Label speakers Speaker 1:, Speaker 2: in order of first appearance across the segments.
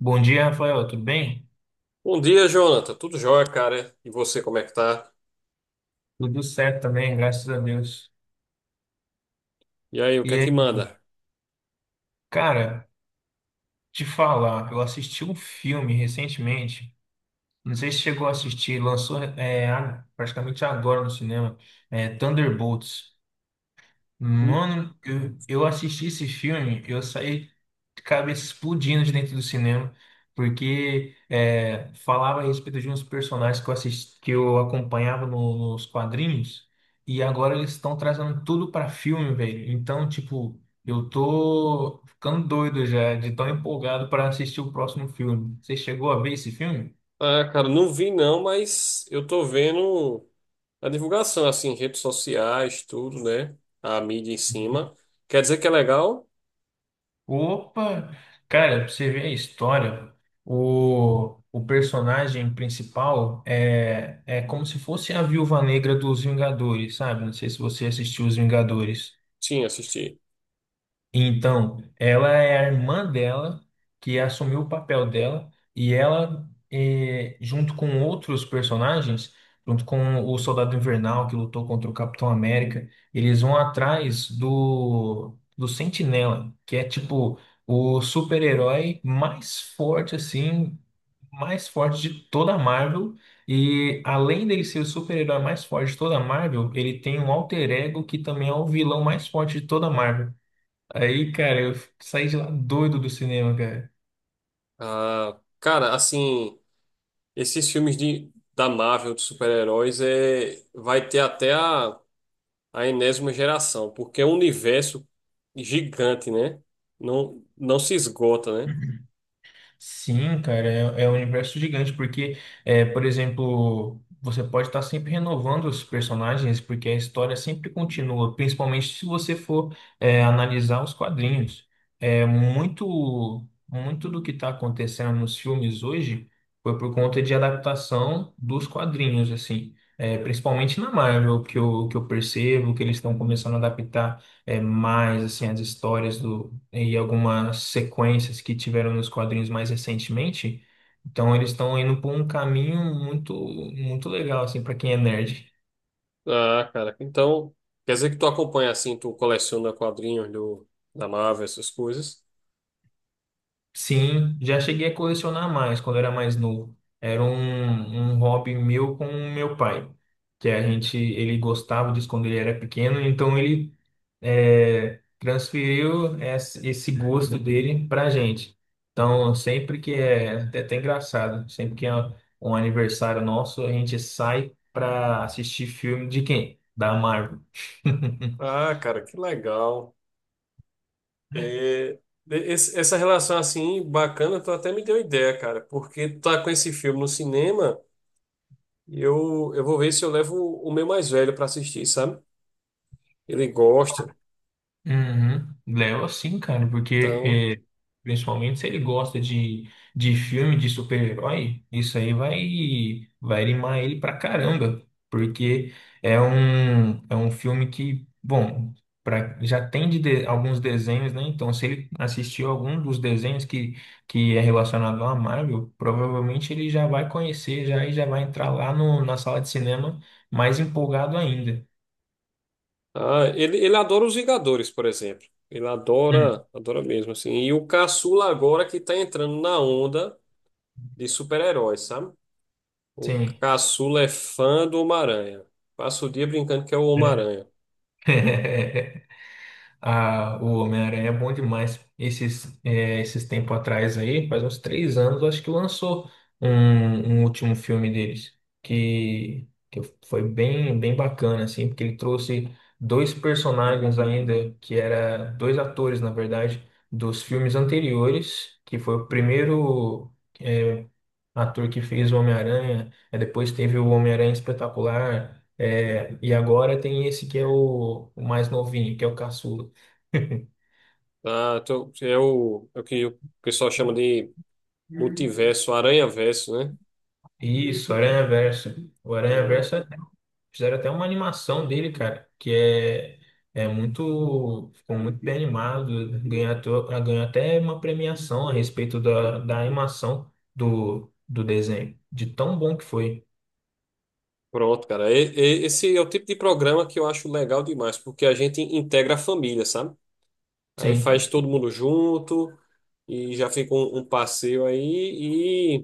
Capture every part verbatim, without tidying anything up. Speaker 1: Bom dia, Rafael, tudo bem?
Speaker 2: Bom dia, Jonathan. Tudo jóia, cara? E você, como é que tá?
Speaker 1: Tudo certo também, graças a Deus.
Speaker 2: E aí, o que
Speaker 1: E
Speaker 2: é que
Speaker 1: aí,
Speaker 2: manda?
Speaker 1: cara, te falar, eu assisti um filme recentemente, não sei se chegou a assistir, lançou é, a- praticamente agora no cinema, é, Thunderbolts.
Speaker 2: Hum?
Speaker 1: Mano, eu, eu assisti esse filme, eu saí de cabeça explodindo de dentro do cinema, porque é, falava a respeito de uns personagens que eu assisti, que eu acompanhava no- nos quadrinhos, e agora eles estão trazendo tudo pra filme, velho. Então, tipo, eu tô ficando doido já, de tão empolgado pra assistir o próximo filme. Você chegou a ver esse filme?
Speaker 2: Ah, cara, não vi não, mas eu tô vendo a divulgação, assim, redes sociais, tudo, né? A mídia em cima. Quer dizer que é legal?
Speaker 1: Opa! Cara, pra você ver a história, o, o personagem principal é, é como se fosse a Viúva Negra dos Vingadores, sabe? Não sei se você assistiu Os Vingadores.
Speaker 2: Sim, assisti.
Speaker 1: Então, ela é a irmã dela que assumiu o papel dela e ela, eh, junto com outros personagens, junto com o Soldado Invernal que lutou contra o Capitão América, eles vão atrás do, do Sentinela, que é tipo o super-herói mais forte, assim, mais forte de toda a Marvel. E além dele ser o super-herói mais forte de toda a Marvel, ele tem um alter ego que também é o vilão mais forte de toda a Marvel. Aí, cara, eu saí de lá doido do cinema, cara.
Speaker 2: Ah, cara, assim, esses filmes de, da Marvel, de super-heróis, é, vai ter até a, a enésima geração, porque é um universo gigante, né? Não, não se esgota, né?
Speaker 1: Sim, cara, é, é um universo gigante, porque, é, por exemplo, você pode estar sempre renovando os personagens, porque a história sempre continua, principalmente se você for, é, analisar os quadrinhos. É, muito, muito do que está acontecendo nos filmes hoje foi por conta de adaptação dos quadrinhos, assim. É, principalmente na Marvel, que eu, que eu percebo que eles estão começando a adaptar é, mais assim, as histórias e algumas sequências que tiveram nos quadrinhos mais recentemente. Então eles estão indo por um caminho muito muito legal assim para quem é nerd.
Speaker 2: Ah, cara, então quer dizer que tu acompanha assim, tu coleciona quadrinhos do, da Marvel, essas coisas.
Speaker 1: Sim, já cheguei a colecionar mais quando era mais novo. Era um, um hobby meu com o meu pai, que a gente ele gostava disso quando ele era pequeno, então ele é, transferiu esse esse gosto dele pra gente. Então, sempre que é, é até engraçado, sempre que é um aniversário nosso, a gente sai pra assistir filme de quem? Da Marvel.
Speaker 2: Ah, cara, que legal. É, esse- essa relação assim bacana, tu até me deu ideia, cara, porque tu tá com esse filme no cinema e eu, eu vou ver se eu levo o meu mais velho pra assistir, sabe? Ele gosta,
Speaker 1: Uhum. Leva sim, cara,
Speaker 2: então.
Speaker 1: porque principalmente se ele gosta de, de filme de super-herói, isso aí vai, vai animar ele pra caramba, porque é um, é um filme que, bom, pra, já tem de, de- alguns desenhos, né? Então, se ele assistiu algum dos desenhos que, que é relacionado à Marvel, provavelmente ele já vai conhecer já e já vai entrar lá no, na sala de cinema mais empolgado ainda.
Speaker 2: Ah, ele, ele adora os Vingadores, por exemplo. Ele
Speaker 1: Hum.
Speaker 2: adora, adora mesmo, assim. E o caçula agora que tá entrando na onda de super-heróis, sabe? O
Speaker 1: Sim.
Speaker 2: caçula é fã do Homem-Aranha. Passa o dia brincando que é o Homem-Aranha.
Speaker 1: Ah, o Homem-Aranha é bom demais. Esses, é, esses tempos atrás aí, faz uns três anos, eu acho que lançou um, um último filme deles, que, que foi bem, bem bacana, assim, porque ele trouxe dois personagens ainda, que era dois atores, na verdade, dos filmes anteriores, que foi o primeiro, é, ator que fez o Homem-Aranha, é, depois teve o Homem-Aranha Espetacular, é, e agora tem esse que é o, o mais novinho, que é o Caçula.
Speaker 2: Ah, então é o, é o que o pessoal chama de multiverso, aranha-verso, né?
Speaker 1: Isso, Aranhaverso. O
Speaker 2: É,
Speaker 1: Aranhaverso é- fizeram até uma animação dele, cara, que é, é muito, ficou muito bem animado, ganhou, até- ganhou até uma premiação a respeito da, da animação do, do desenho, de tão bom que foi.
Speaker 2: pronto, cara. E- e- esse é o tipo de programa que eu acho legal demais, porque a gente integra a família, sabe? Aí
Speaker 1: Sim, com
Speaker 2: faz todo mundo junto e já fica um, um passeio aí.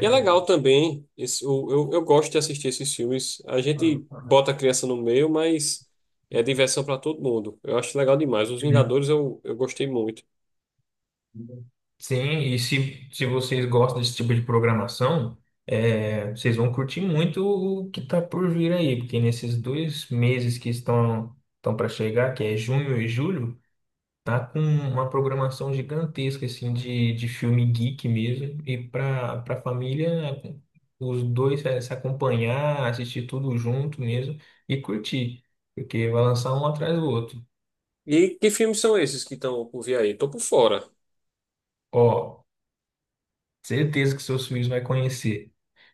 Speaker 2: E é legal também, esse, o- eu, eu gosto de assistir esses filmes. A gente bota a criança no meio, mas é diversão para todo mundo. Eu acho legal demais. Os Vingadores eu, eu gostei muito.
Speaker 1: Sim, e se, se vocês gostam desse tipo de programação, é, vocês vão curtir muito o que está por vir aí, porque nesses dois meses que estão estão para chegar, que é junho e julho, tá com uma programação gigantesca assim de, de filme geek mesmo, e para para família os dois é, se acompanhar, assistir tudo junto mesmo e curtir, porque vai lançar um atrás do outro.
Speaker 2: E que filmes são esses que estão por vir aí? Tô por fora.
Speaker 1: Ó, certeza que seus filhos vai conhecer.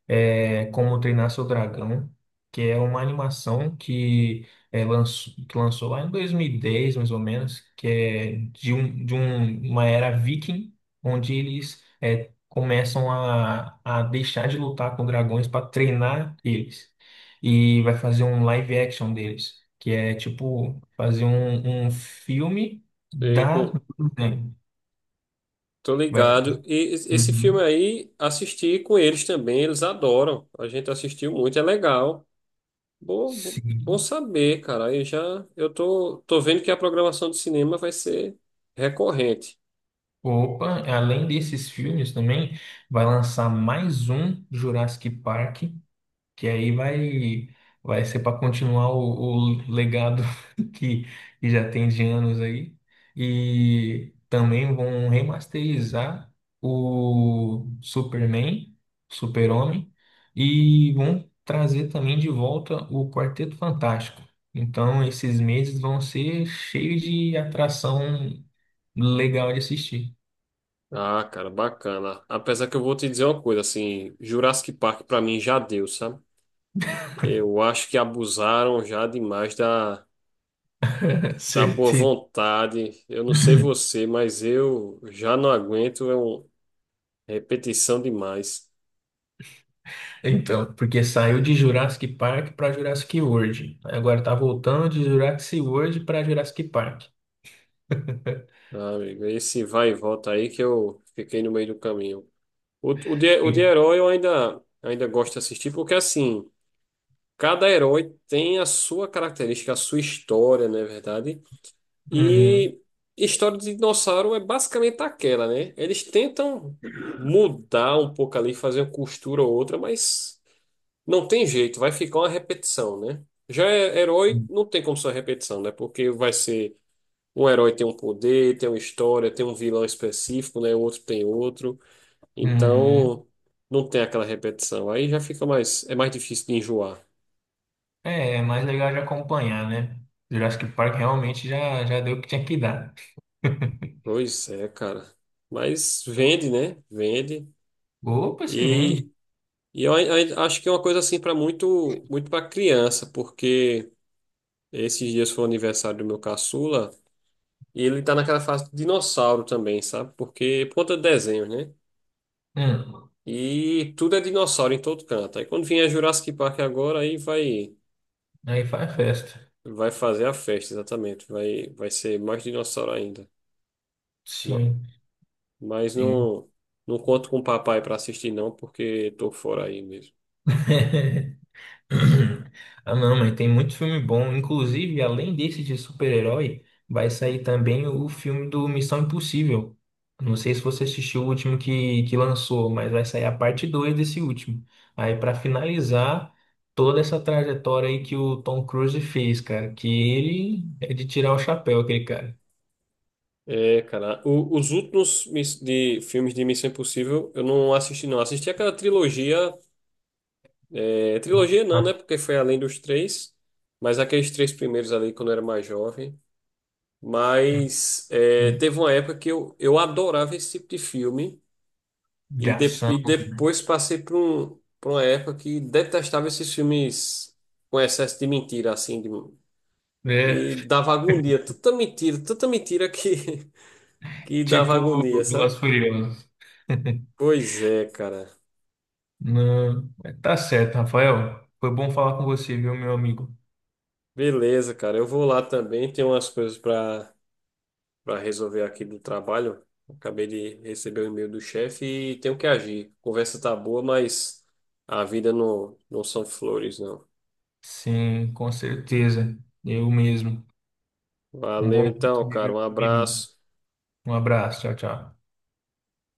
Speaker 1: É, Como Treinar Seu Dragão, que é uma animação que, é, lançou, que lançou lá em dois mil e dez, mais ou menos, que é de, um, de um- uma era viking, onde eles é, começam a, a deixar de lutar com dragões para treinar eles. E vai fazer um live action deles, que é tipo fazer um, um filme
Speaker 2: E
Speaker 1: da.
Speaker 2: com- tô
Speaker 1: Vai,
Speaker 2: ligado. E es- esse filme
Speaker 1: uhum.
Speaker 2: aí, assisti com eles também, eles adoram. A gente assistiu muito, é legal. Bom, bom bom
Speaker 1: Sim.
Speaker 2: saber, cara. Aí já eu tô, tô vendo que a programação de cinema vai ser recorrente.
Speaker 1: Opa, além desses filmes também, vai lançar mais um Jurassic Park, que aí vai, vai ser para continuar o, o legado que, que já tem de anos aí. E também vão remasterizar o Superman, Super-Homem, e vão trazer também de volta o Quarteto Fantástico. Então, esses meses vão ser cheios de atração legal de assistir.
Speaker 2: Ah, cara, bacana. Apesar que eu vou te dizer uma coisa, assim, Jurassic Park pra mim já deu, sabe? Eu acho que abusaram já demais da, da boa
Speaker 1: Certeza.
Speaker 2: vontade. Eu não sei você, mas eu já não aguento, é uma repetição demais,
Speaker 1: Então, porque saiu de Jurassic Park para Jurassic World. Aí agora tá voltando de Jurassic World para Jurassic Park.
Speaker 2: tá, amigo? Esse vai e volta aí que eu fiquei no meio do caminho. O, o, de, o de
Speaker 1: Sim.
Speaker 2: herói eu ainda, ainda gosto de assistir, porque assim, cada herói tem a sua característica, a sua história, não é verdade?
Speaker 1: Uhum.
Speaker 2: E história de dinossauro é basicamente aquela, né? Eles tentam mudar um pouco ali, fazer uma costura ou outra, mas não tem jeito, vai ficar uma repetição, né? Já é herói, não tem como ser uma repetição, né? Porque vai ser um herói tem um poder, tem uma história, tem um vilão específico, né? O outro tem outro.
Speaker 1: Uhum.
Speaker 2: Então, não tem aquela repetição. Aí já fica mais, é mais difícil de enjoar.
Speaker 1: É, é mais legal de acompanhar, né? Jurassic Park realmente já, já deu o que tinha que dar.
Speaker 2: Pois é, cara. Mas vende, né? Vende.
Speaker 1: Opa, se vende.
Speaker 2: e E eu, ai- ai- acho que é uma coisa assim para muito, muito para criança, porque esses dias foi o aniversário do meu caçula e ele tá naquela fase de dinossauro também, sabe? Porque por conta de desenhos, né?
Speaker 1: Hum,
Speaker 2: E tudo é dinossauro em todo canto. Aí quando vier Jurassic Park agora, aí vai
Speaker 1: Aí faz festa.
Speaker 2: vai fazer a festa, exatamente. Vai vai ser mais dinossauro ainda. Ma-
Speaker 1: Sim.
Speaker 2: Mas
Speaker 1: Sim.
Speaker 2: não, não conto com o papai para assistir não, porque tô fora aí mesmo.
Speaker 1: Ah, não, mas tem muito filme bom. Inclusive, além desse de super-herói, vai sair também o filme do Missão Impossível. Não sei se você assistiu o último que, que lançou, mas vai sair a parte dois desse último. Aí, pra finalizar toda essa trajetória aí que o Tom Cruise fez, cara, que ele é de tirar o chapéu, aquele cara.
Speaker 2: É, cara, o- os últimos miss- de filmes de Missão Impossível eu não assisti, não. Assisti aquela trilogia, é, trilogia não, né?
Speaker 1: Ah,
Speaker 2: Porque foi além dos três, mas aqueles três primeiros ali quando eu era mais jovem. Mas é,
Speaker 1: hum,
Speaker 2: teve uma época que eu, eu adorava esse tipo de filme
Speaker 1: de
Speaker 2: e, de-
Speaker 1: ação.
Speaker 2: e
Speaker 1: Né?
Speaker 2: depois passei por um, por uma época que detestava esses filmes com excesso de mentira, assim, de-
Speaker 1: É,
Speaker 2: e dava agonia, tanta mentira, tanta mentira que, que dava
Speaker 1: tipo
Speaker 2: agonia, sabe?
Speaker 1: Velozes Furiosas.
Speaker 2: Pois é, cara.
Speaker 1: Não, mas tá certo, Rafael. Foi bom falar com você, viu, meu amigo?
Speaker 2: Beleza, cara. Eu vou lá também. Tem umas coisas para para resolver aqui do trabalho. Acabei de receber o e-mail do chefe e tenho que agir. Conversa tá boa, mas a vida não, não são flores, não.
Speaker 1: Sim, com certeza. Eu mesmo. Um bom
Speaker 2: Valeu
Speaker 1: dia,
Speaker 2: então, cara. Um
Speaker 1: viu, meu amigo?
Speaker 2: abraço.
Speaker 1: Um abraço, tchau, tchau.